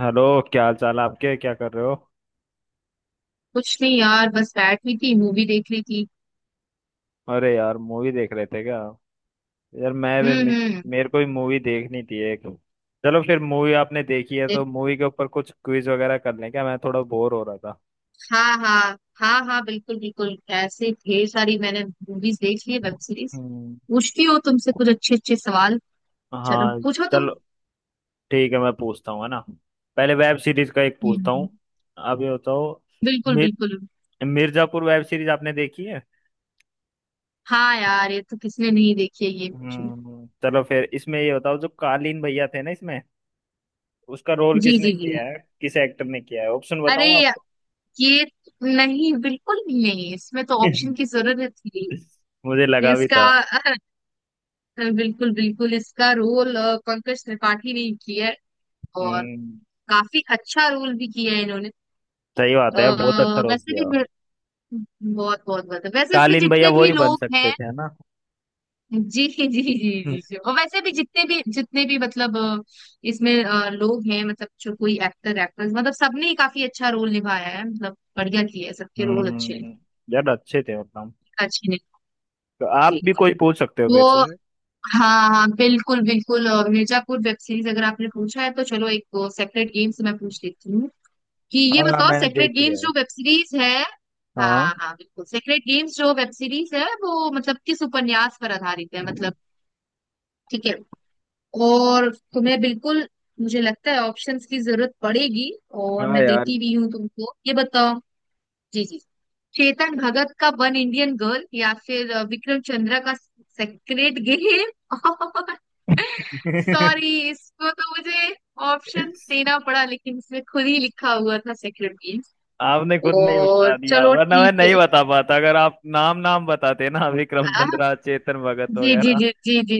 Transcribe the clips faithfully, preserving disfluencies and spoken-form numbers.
Hello. क्या हाल चाल है आपके, क्या कर रहे हो? कुछ नहीं यार, बस बैठ हुई थी, मूवी देख रही थी। अरे यार, मूवी देख रहे थे क्या? यार मैं भी हम्म। मे, हम्म। मेरे को भी मूवी देखनी थी एक। चलो फिर, मूवी आपने देखी है तो देख- मूवी के ऊपर कुछ क्विज वगैरह कर लें क्या, मैं थोड़ा बोर हो रहा था। हाँ, हाँ। हाँ हाँ, बिल्कुल बिल्कुल, ऐसे ढेर सारी मैंने मूवीज देख ली है, वेब सीरीज हम्म, पूछती हो तुमसे कुछ अच्छे अच्छे सवाल। चलो हाँ पूछो तुम। चलो, ठीक है, मैं पूछता हूँ है ना। पहले वेब सीरीज का एक पूछता हम्म। हूँ। आप ये बताओ, बिल्कुल मिर, बिल्कुल। मिर्जापुर वेब सीरीज आपने देखी है? हाँ यार, ये तो किसने नहीं देखी है, ये पूछो। हम्म, चलो फिर इसमें ये बताओ, जो कालीन भैया थे ना इसमें, उसका रोल जी किसने जी जी। किया है, किस एक्टर ने किया है? ऑप्शन अरे बताऊं? या- ये, नहीं बिल्कुल भी नहीं, इसमें तो ऑप्शन की जरूरत ही मुझे नहीं लगा भी इसका। था। बिल्कुल बिल्कुल, इसका रोल पंकज त्रिपाठी ने ही किया है। और हम्म, काफी अच्छा रोल भी किया है इन्होंने। सही बात अ, है यार, बहुत अच्छा रोल वैसे भी किया। मेरे- बहुत बहुत बहुत वैसे इसमें कालीन भैया जितने वो भी ही बन लोग सकते हैं। थे है ना। जी जी जी जी जी। और वैसे भी जितने भी जितने भी मतलब, अ, इसमें अ, लोग हैं, मतलब जो कोई एक्टर एक्ट्रेस, मतलब सबने ही काफी अच्छा रोल निभाया है, मतलब बढ़िया किया है, सबके रोल अच्छे हैं। हम्म, यार अच्छे थे मतलब। अच्छे ने। तो आप जी। भी कोई पूछ सकते हो मेरे वो। से। हाँ हाँ बिल्कुल बिल्कुल, अ, मिर्जापुर वेब सीरीज अगर आपने पूछा है, तो चलो एक सेपरेट गेम से मैं पूछ लेती हूँ, कि ये हाँ बताओ, मैंने सेक्रेट देखी गेम्स है। जो वेब सीरीज है। हाँ हाँ हाँ, बिल्कुल, सेक्रेट गेम्स जो वेब सीरीज है वो मतलब किस उपन्यास पर आधारित है, मतलब ठीक है। और तुम्हें बिल्कुल मुझे लगता है ऑप्शंस की जरूरत पड़ेगी, और हाँ मैं यार। देती भी हूँ तुमको, ये बताओ। जी जी। चेतन भगत का वन इंडियन गर्ल, या फिर अ, विक्रम चंद्रा का सेक्रेट गेम। और सॉरी, इसको तो मुझे ऑप्शंस देना पड़ा, लेकिन इसमें खुद ही लिखा हुआ था सेक्रेट। आपने खुद नहीं और बता दिया, चलो वरना मैं ठीक नहीं है। बता पाता। अगर आप नाम नाम बताते ना, विक्रम आ, चंद्रा, चेतन भगत जी जी वगैरह, जी जी जी।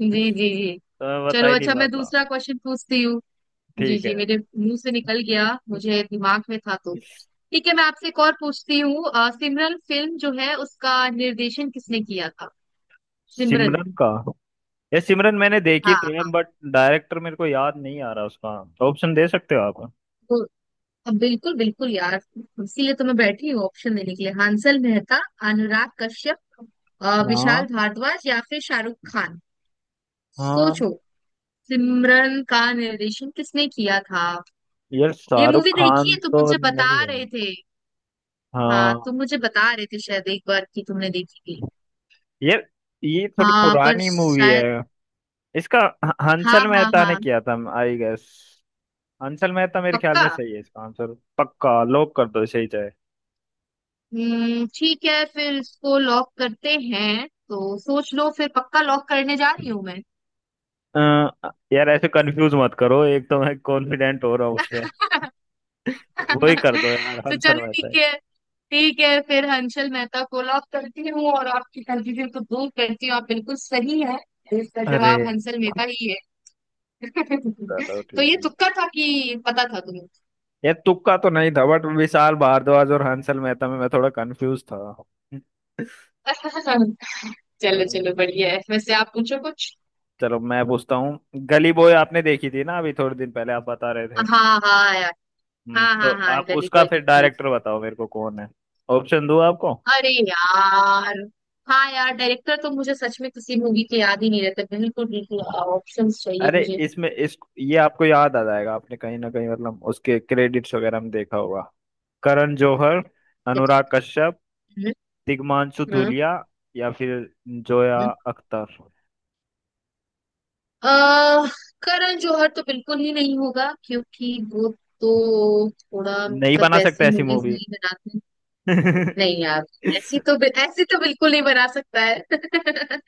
जी जी जी। तो मैं बता चलो ही नहीं अच्छा, मैं पाता। दूसरा क्वेश्चन पूछती हूँ। जी ठीक जी, है। मेरे मुंह से निकल गया, मुझे दिमाग में था तो। ठीक है, मैं आपसे एक और पूछती हूँ। अ, सिमरन फिल्म जो है उसका निर्देशन किसने किया था? सिमरन। सिमरन का? ये सिमरन मैंने देखी तो है, हाँ। बट डायरेक्टर मेरे को याद नहीं आ रहा उसका। ऑप्शन दे सकते हो आप? तो अब बिल्कुल बिल्कुल यार, इसीलिए तो मैं बैठी हूँ, ऑप्शन देने के लिए। हांसल मेहता, अनुराग कश्यप, अ, हाँ विशाल भारद्वाज, या फिर शाहरुख खान। हाँ, सोचो, सिमरन का निर्देशन किसने किया था? यार ये शाहरुख मूवी देखी खान है, तुम तो मुझे बता नहीं है। रहे थे। हाँ, हाँ तुम मुझे बता रहे थे शायद एक बार, कि तुमने देखी थी। यार, ये थोड़ी हाँ, पर पुरानी मूवी शायद है। इसका ह- हाँ हंसल हाँ मेहता ने हाँ किया था आई गेस। हंसल मेहता मेरे ख्याल पक्का। में सही है, इसका आंसर पक्का लॉक कर दो सही चाहे। हम्म, ठीक है, फिर इसको लॉक करते हैं, तो सोच लो, फिर पक्का लॉक करने जा रही हूँ मैं। अ, यार ऐसे कंफ्यूज मत करो, एक तो मैं कॉन्फिडेंट हो रहा हूँ उसमें। वही कर दो यार, तो हंसल चलो मेहता ठीक है। है। ठीक है, फिर हंसल मेहता को लॉक करती हूँ, और आपकी कंफ्यूजन को दूर करती हूँ, आप बिल्कुल सही है, इसका अरे जवाब हंसल मेहता ही है। चलो तो ठीक ये है। तुक्का था, कि पता था तुम्हें? ये तुक्का तो नहीं था, बट विशाल भारद्वाज और हंसल मेहता में मैं थोड़ा कंफ्यूज था। चलो चलो, बढ़िया है, वैसे आप पूछो कुछ। चलो मैं पूछता हूँ। गली बॉय आपने देखी थी ना, अभी थोड़े दिन पहले आप बता रहे थे। हाँ हाँ यार। हम्म, हाँ हाँ तो हाँ, आप गली उसका बॉय फिर देखी है। डायरेक्टर बताओ मेरे को, कौन है? ऑप्शन दूँ आपको? अरे यार, हाँ यार, डायरेक्टर तो मुझे सच में किसी मूवी के याद ही नहीं रहते, बिल्कुल बिल्कुल ऑप्शंस चाहिए अरे मुझे। इसमें इस ये आपको याद आ जाएगा, आपने कहीं ना कहीं मतलब उसके क्रेडिट्स वगैरह में देखा होगा। करण जौहर, अनुराग कश्यप, हम्म। दिग्मांशु हम्म। धूलिया, या फिर जोया हम्म। अख्तर। अह। करण जौहर तो बिल्कुल ही नहीं होगा, क्योंकि वो तो थोड़ा नहीं मतलब बना सकता वैसी ऐसी मूवीज मूवी। नहीं बनाते। नहीं यार, ऐसी तो बिल- ऐसे तो बिल्कुल नहीं बना सकता है।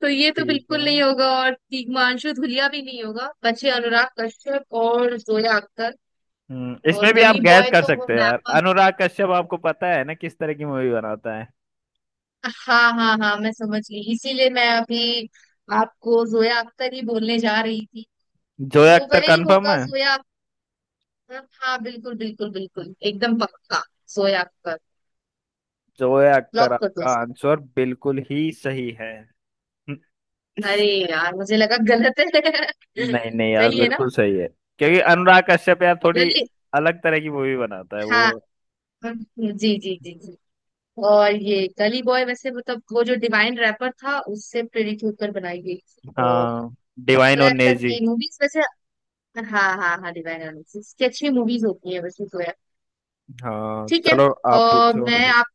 तो ये तो ठीक है। बिल्कुल नहीं होगा, और हिमांशु धुलिया भी नहीं होगा, बचे अनुराग कश्यप और जोया अख्तर। हम्म, और इसमें भी आप गली गैस बॉय कर तो वो सकते हैं यार, रैपर, अनुराग कश्यप आपको पता है ना किस तरह की मूवी बनाता है। हाँ हाँ हाँ, मैं समझ गई, इसीलिए मैं अभी आपको जोया अख्तर ही बोलने जा रही थी। जोया तो अख्तर वही कंफर्म होगा, है। जोया अख्तर, हाँ बिल्कुल बिल्कुल बिल्कुल एकदम पक्का, जोया अख्तर। जोया अख्तर लॉक कर दो आपका इसको। आंसर बिल्कुल ही सही है। अरे यार, मुझे लगा गलत है, नहीं नहीं यार, सही है ना? बिल्कुल सही है। क्योंकि अनुराग कश्यप यार थोड़ी गली, अलग तरह की मूवी बनाता है हाँ। वो। हम्म। जी जी जी जी। और ये गली बॉय वैसे मतलब वो जो डिवाइन रैपर था उससे प्रेरित होकर बनाई गई, और हाँ, डिवाइन और जोया अख्तर नेजी। की मूवीज वैसे हाँ हाँ हाँ डिवाइन एनालिसिस की अच्छी मूवीज होती है वैसे जोया। हाँ ठीक है। चलो, आप और पूछो। मैं आप,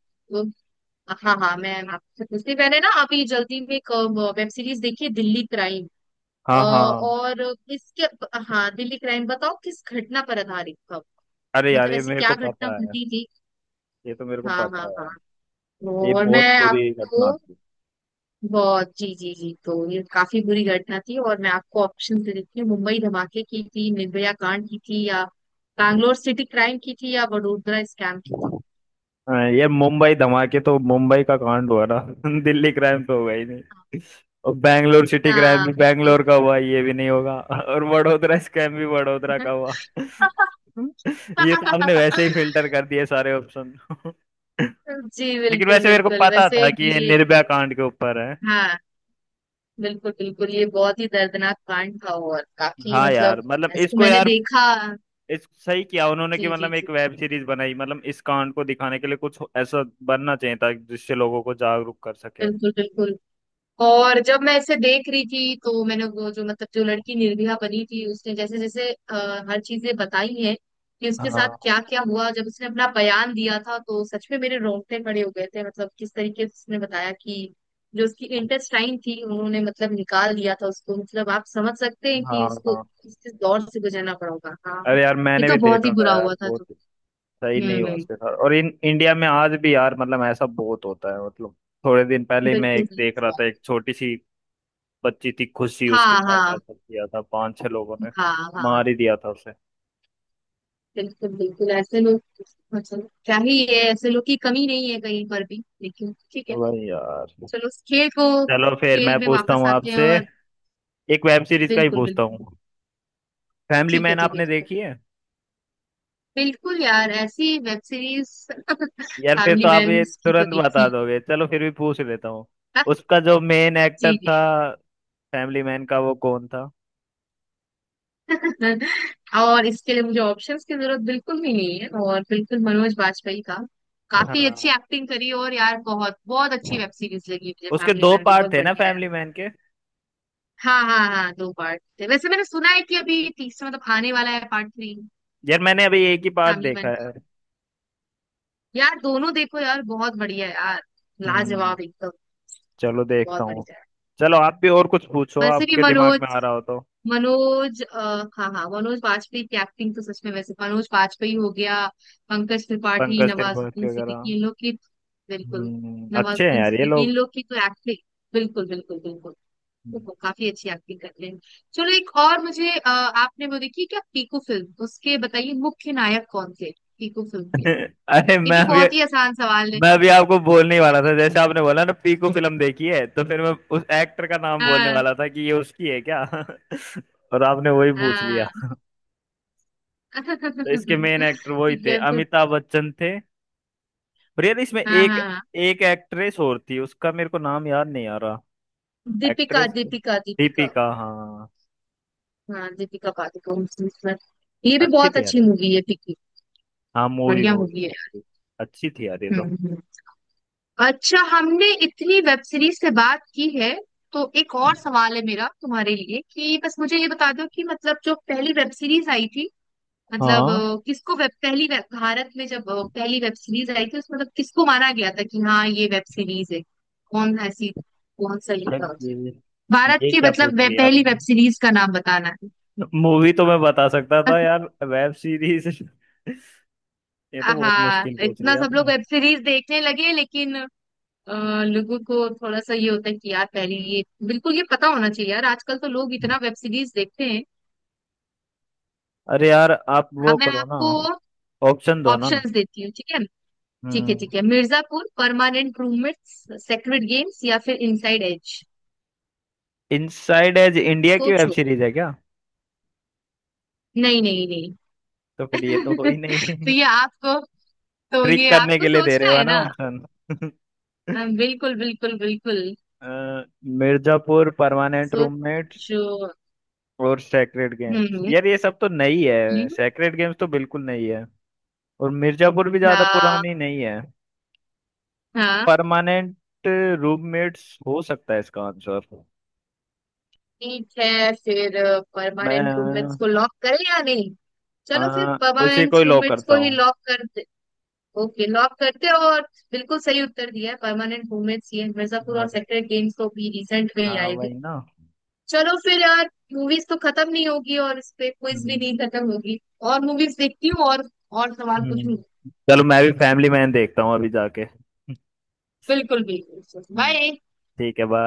हाँ हाँ, मैं आपसे पूछती, मैंने ना अभी जल्दी में एक वेब सीरीज देखी है, दिल्ली क्राइम। अ, हाँ हाँ। और इसके हाँ, दिल्ली क्राइम बताओ किस घटना पर आधारित था, अरे यार मतलब ये ऐसी मेरे क्या को घटना पता है। घटी थी? ये तो मेरे को हाँ हाँ पता है हाँ, यार। ये और मैं बहुत बुरी आपको घटना थी। बहुत, जी जी जी, तो ये काफी बुरी घटना थी, और मैं आपको ऑप्शन दे देती हूँ। मुंबई धमाके की थी, निर्भया कांड की थी, या बैंगलोर सिटी क्राइम की थी, या वडोदरा स्कैम की थी? हाँ, ये मुंबई धमाके तो मुंबई का कांड हुआ ना दिल्ली क्राइम तो हुआ ही नहीं। और बैंगलोर सिटी क्राइम हाँ भी बिल्कुल। बैंगलोर का हुआ, ये भी नहीं होगा। और वडोदरा स्कैम भी वडोदरा का हुआ। ये तो आपने वैसे ही फिल्टर कर दिए सारे ऑप्शन। जी लेकिन बिल्कुल वैसे मेरे को बिल्कुल, पता वैसे था कि ये ये, निर्भया कांड के ऊपर है। हाँ बिल्कुल बिल्कुल, ये बहुत ही दर्दनाक कांड था, और काफी हाँ यार मतलब, मतलब वैसे तो इसको मैंने यार, देखा, इस सही किया उन्होंने कि जी जी मतलब जी, एक वेब सीरीज बनाई, मतलब इस कांड को दिखाने के लिए कुछ ऐसा बनना चाहिए था, जिससे लोगों को जागरूक कर सके। बिल्कुल बिल्कुल। और जब मैं इसे देख रही थी, तो मैंने वो जो मतलब जो लड़की निर्भया बनी थी, उसने जैसे जैसे अ, हर चीजें बताई हैं कि उसके साथ हाँ क्या क्या हुआ, जब उसने अपना बयान दिया था, तो सच में मेरे रोंगटे खड़े हो गए थे, मतलब किस तरीके से उसने बताया कि जो उसकी इंटेस्टाइन थी, उन्होंने मतलब निकाल दिया था उसको, मतलब आप समझ सकते हैं कि हाँ। उसको हाँ किस किस दौर से गुजरना पड़ा होगा। हाँ, अरे यार, ये मैंने तो भी बहुत देखा ही था बुरा यार, हुआ था, बहुत तो सही नहीं हुआ हम्म, उसके साथ। और इन इंडिया में आज भी यार मतलब ऐसा बहुत होता है, मतलब थोड़े दिन पहले ही मैं बिल्कुल, एक देख रहा था, एक छोटी सी बच्ची थी खुशी, उसके हाँ साथ हाँ ऐसा किया था पांच छह लोगों ने, हाँ हाँ, मार ही दिया था उसे। बिल्कुल बिल्कुल, ऐसे लोग मतलब क्या ही है, ऐसे लोग की कमी नहीं है कहीं पर भी, लेकिन ठीक है। वही यार। चलो, उस खेल को, चलो फिर खेल मैं में पूछता वापस हूँ आते हैं, आपसे, और एक वेब सीरीज का ही बिल्कुल पूछता बिल्कुल हूँ। फैमिली ठीक है मैन ठीक है आपने ठीक है। देखी है? बिल्कुल यार, ऐसी वेब सीरीज, यार फिर तो फैमिली आप ये मैन की तो तुरंत बता देखी। दोगे, चलो फिर भी पूछ लेता हूँ। हाँ, उसका जो मेन एक्टर जी था जी। फैमिली मैन का, वो कौन था? और इसके लिए मुझे ऑप्शंस की जरूरत बिल्कुल भी नहीं है, और बिल्कुल मनोज बाजपेयी का काफी अच्छी हाँ, एक्टिंग करी, और यार बहुत बहुत अच्छी वेब सीरीज लगी मुझे, उसके फैमिली दो मैन भी पार्ट बहुत थे ना बढ़िया है। फैमिली मैन के। हाँ हाँ हाँ, दो पार्ट थे, वैसे मैंने सुना है कि अभी तीसरा मतलब आने वाला है, पार्ट थ्री। यार मैंने अभी एक ही पार्ट फैमिली देखा मैन है। का, यार दोनों देखो यार, बहुत बढ़िया है यार, हम्म, लाजवाब एकदम, चलो देखता बहुत हूँ। बढ़िया है। चलो आप भी और कुछ पूछो, वैसे भी आपके दिमाग में मनोज, आ रहा हो तो। मनोज अ, हाँ हाँ, मनोज वाजपेयी की एक्टिंग तो सच में, वैसे मनोज वाजपेयी हो गया, पंकज त्रिपाठी, पंकज त्रिपाठी नवाजुद्दीन वगैरह। सिद्दीकी, इन लोग की, बिल्कुल, हम्म, अच्छे हैं नवाजुद्दीन यार ये सिद्दीकी इन लोग। लोग की तो एक्टिंग, बिल्कुल बिल्कुल बिल्कुल, तो हम्म। वो काफी अच्छी एक्टिंग कर रहे हैं। चलो एक और, मुझे अ, आपने वो देखी क्या पीकू फिल्म? उसके बताइए, मुख्य नायक कौन थे पीकू फिल्म के? अरे ये मैं भी अभी, बहुत ही आसान सवाल है। मैं अभी आपको बोलने ही वाला था, जैसे आपने बोला ना पीकू फिल्म देखी है तो फिर मैं उस एक्टर का नाम बोलने हाँ वाला था कि ये उसकी है क्या। और आपने वही पूछ हाँ। लिया। तो इसके मेन एक्टर वही ठीक थे, है फिर। अमिताभ बच्चन थे। और यार इसमें हाँ एक हाँ हाँ। एक एक्ट्रेस और थी, उसका मेरे को नाम याद नहीं आ रहा। दीपिका एक्ट्रेस दीपिका दीपिका, दीपिका हाँ। हाँ दीपिका पादुकोण इसमें, ये भी अच्छी बहुत थी यार अच्छी ये। मूवी है पीकू, हाँ, मूवी बढ़िया मूवी है। मूवी अच्छी थी यार ये हम्म तो। हम्म। अच्छा, हमने इतनी वेब सीरीज से बात की है, तो एक और सवाल है मेरा तुम्हारे लिए, कि बस मुझे ये बता दो कि मतलब जो पहली वेब सीरीज आई थी, मतलब हाँ अ, किसको वेब, पहली वेब भारत में जब अ, पहली वेब सीरीज आई थी उसमें, मतलब किसको माना गया था कि हाँ, ये वेब सीरीज है, कौन ऐसी, कौन सा ये था? तब उसे? ये भारत ये की, क्या मतलब पूछ वे, लिया पहली वेब आपने। सीरीज का नाम बताना है। मूवी तो मैं बता सकता था यार, वेब सीरीज ये तो बहुत हाँ, मुश्किल पूछ इतना लिया सब लोग आपने। वेब सीरीज देखने लगे, लेकिन अ, लोगों को थोड़ा सा ये होता है कि यार पहले ये बिल्कुल ये पता होना चाहिए यार, आजकल तो लोग इतना वेब सीरीज देखते हैं। अरे यार, आप हाँ, वो मैं करो ना, आपको ऑप्शन दो ना। ऑप्शंस देती हूँ, ठीक है। ठीक है हम्म। ठीक है, Mirzapur, permanent roommates, sacred games, या फिर inside edge. Inside edge India की वेब सोचो। सीरीज है क्या? नहीं नहीं तो नहीं। फिर ये तो हो ही तो नहीं ये आपको, तो ट्रिक ये करने आपको के लिए दे रहे सोचना हो है ना ना। ऑप्शन। अ, बिल्कुल बिल्कुल बिल्कुल। मिर्जापुर, परमानेंट रूममेट्स सोचो। और सेक्रेड गेम्स, हम्म। यार ये सब तो नई है। हम्म। सेक्रेड गेम्स तो बिल्कुल नई है, और मिर्जापुर भी ज्यादा हाँ पुरानी नहीं है। हाँ। परमानेंट रूममेट्स हो सकता है इसका आंसर। ठीक है फिर, परमानेंट रूममेट्स को मैं, लॉक करें या नहीं? चलो, फिर आ, उसी परमानेंट को ही लॉक रूममेट्स करता को ही हूँ। लॉक करते। ओके, लॉक करते हैं, और बिल्कुल सही उत्तर दिया है, परमानेंट रूममेट्स। ये मिर्जापुर और अरे सेक्रेट गेम्स तो भी रिसेंट में ही हाँ आए थे। वही ना। चलो फिर यार, मूवीज तो खत्म नहीं होगी, और इस पे क्विज भी हम्म नहीं खत्म होगी, और मूवीज देखती हूँ, और और सवाल पूछूंगी। हम्म। चलो मैं भी फैमिली मैन देखता हूँ अभी जाके। बिल्कुल बिल्कुल, हम्म, बाय। ठीक है बाय।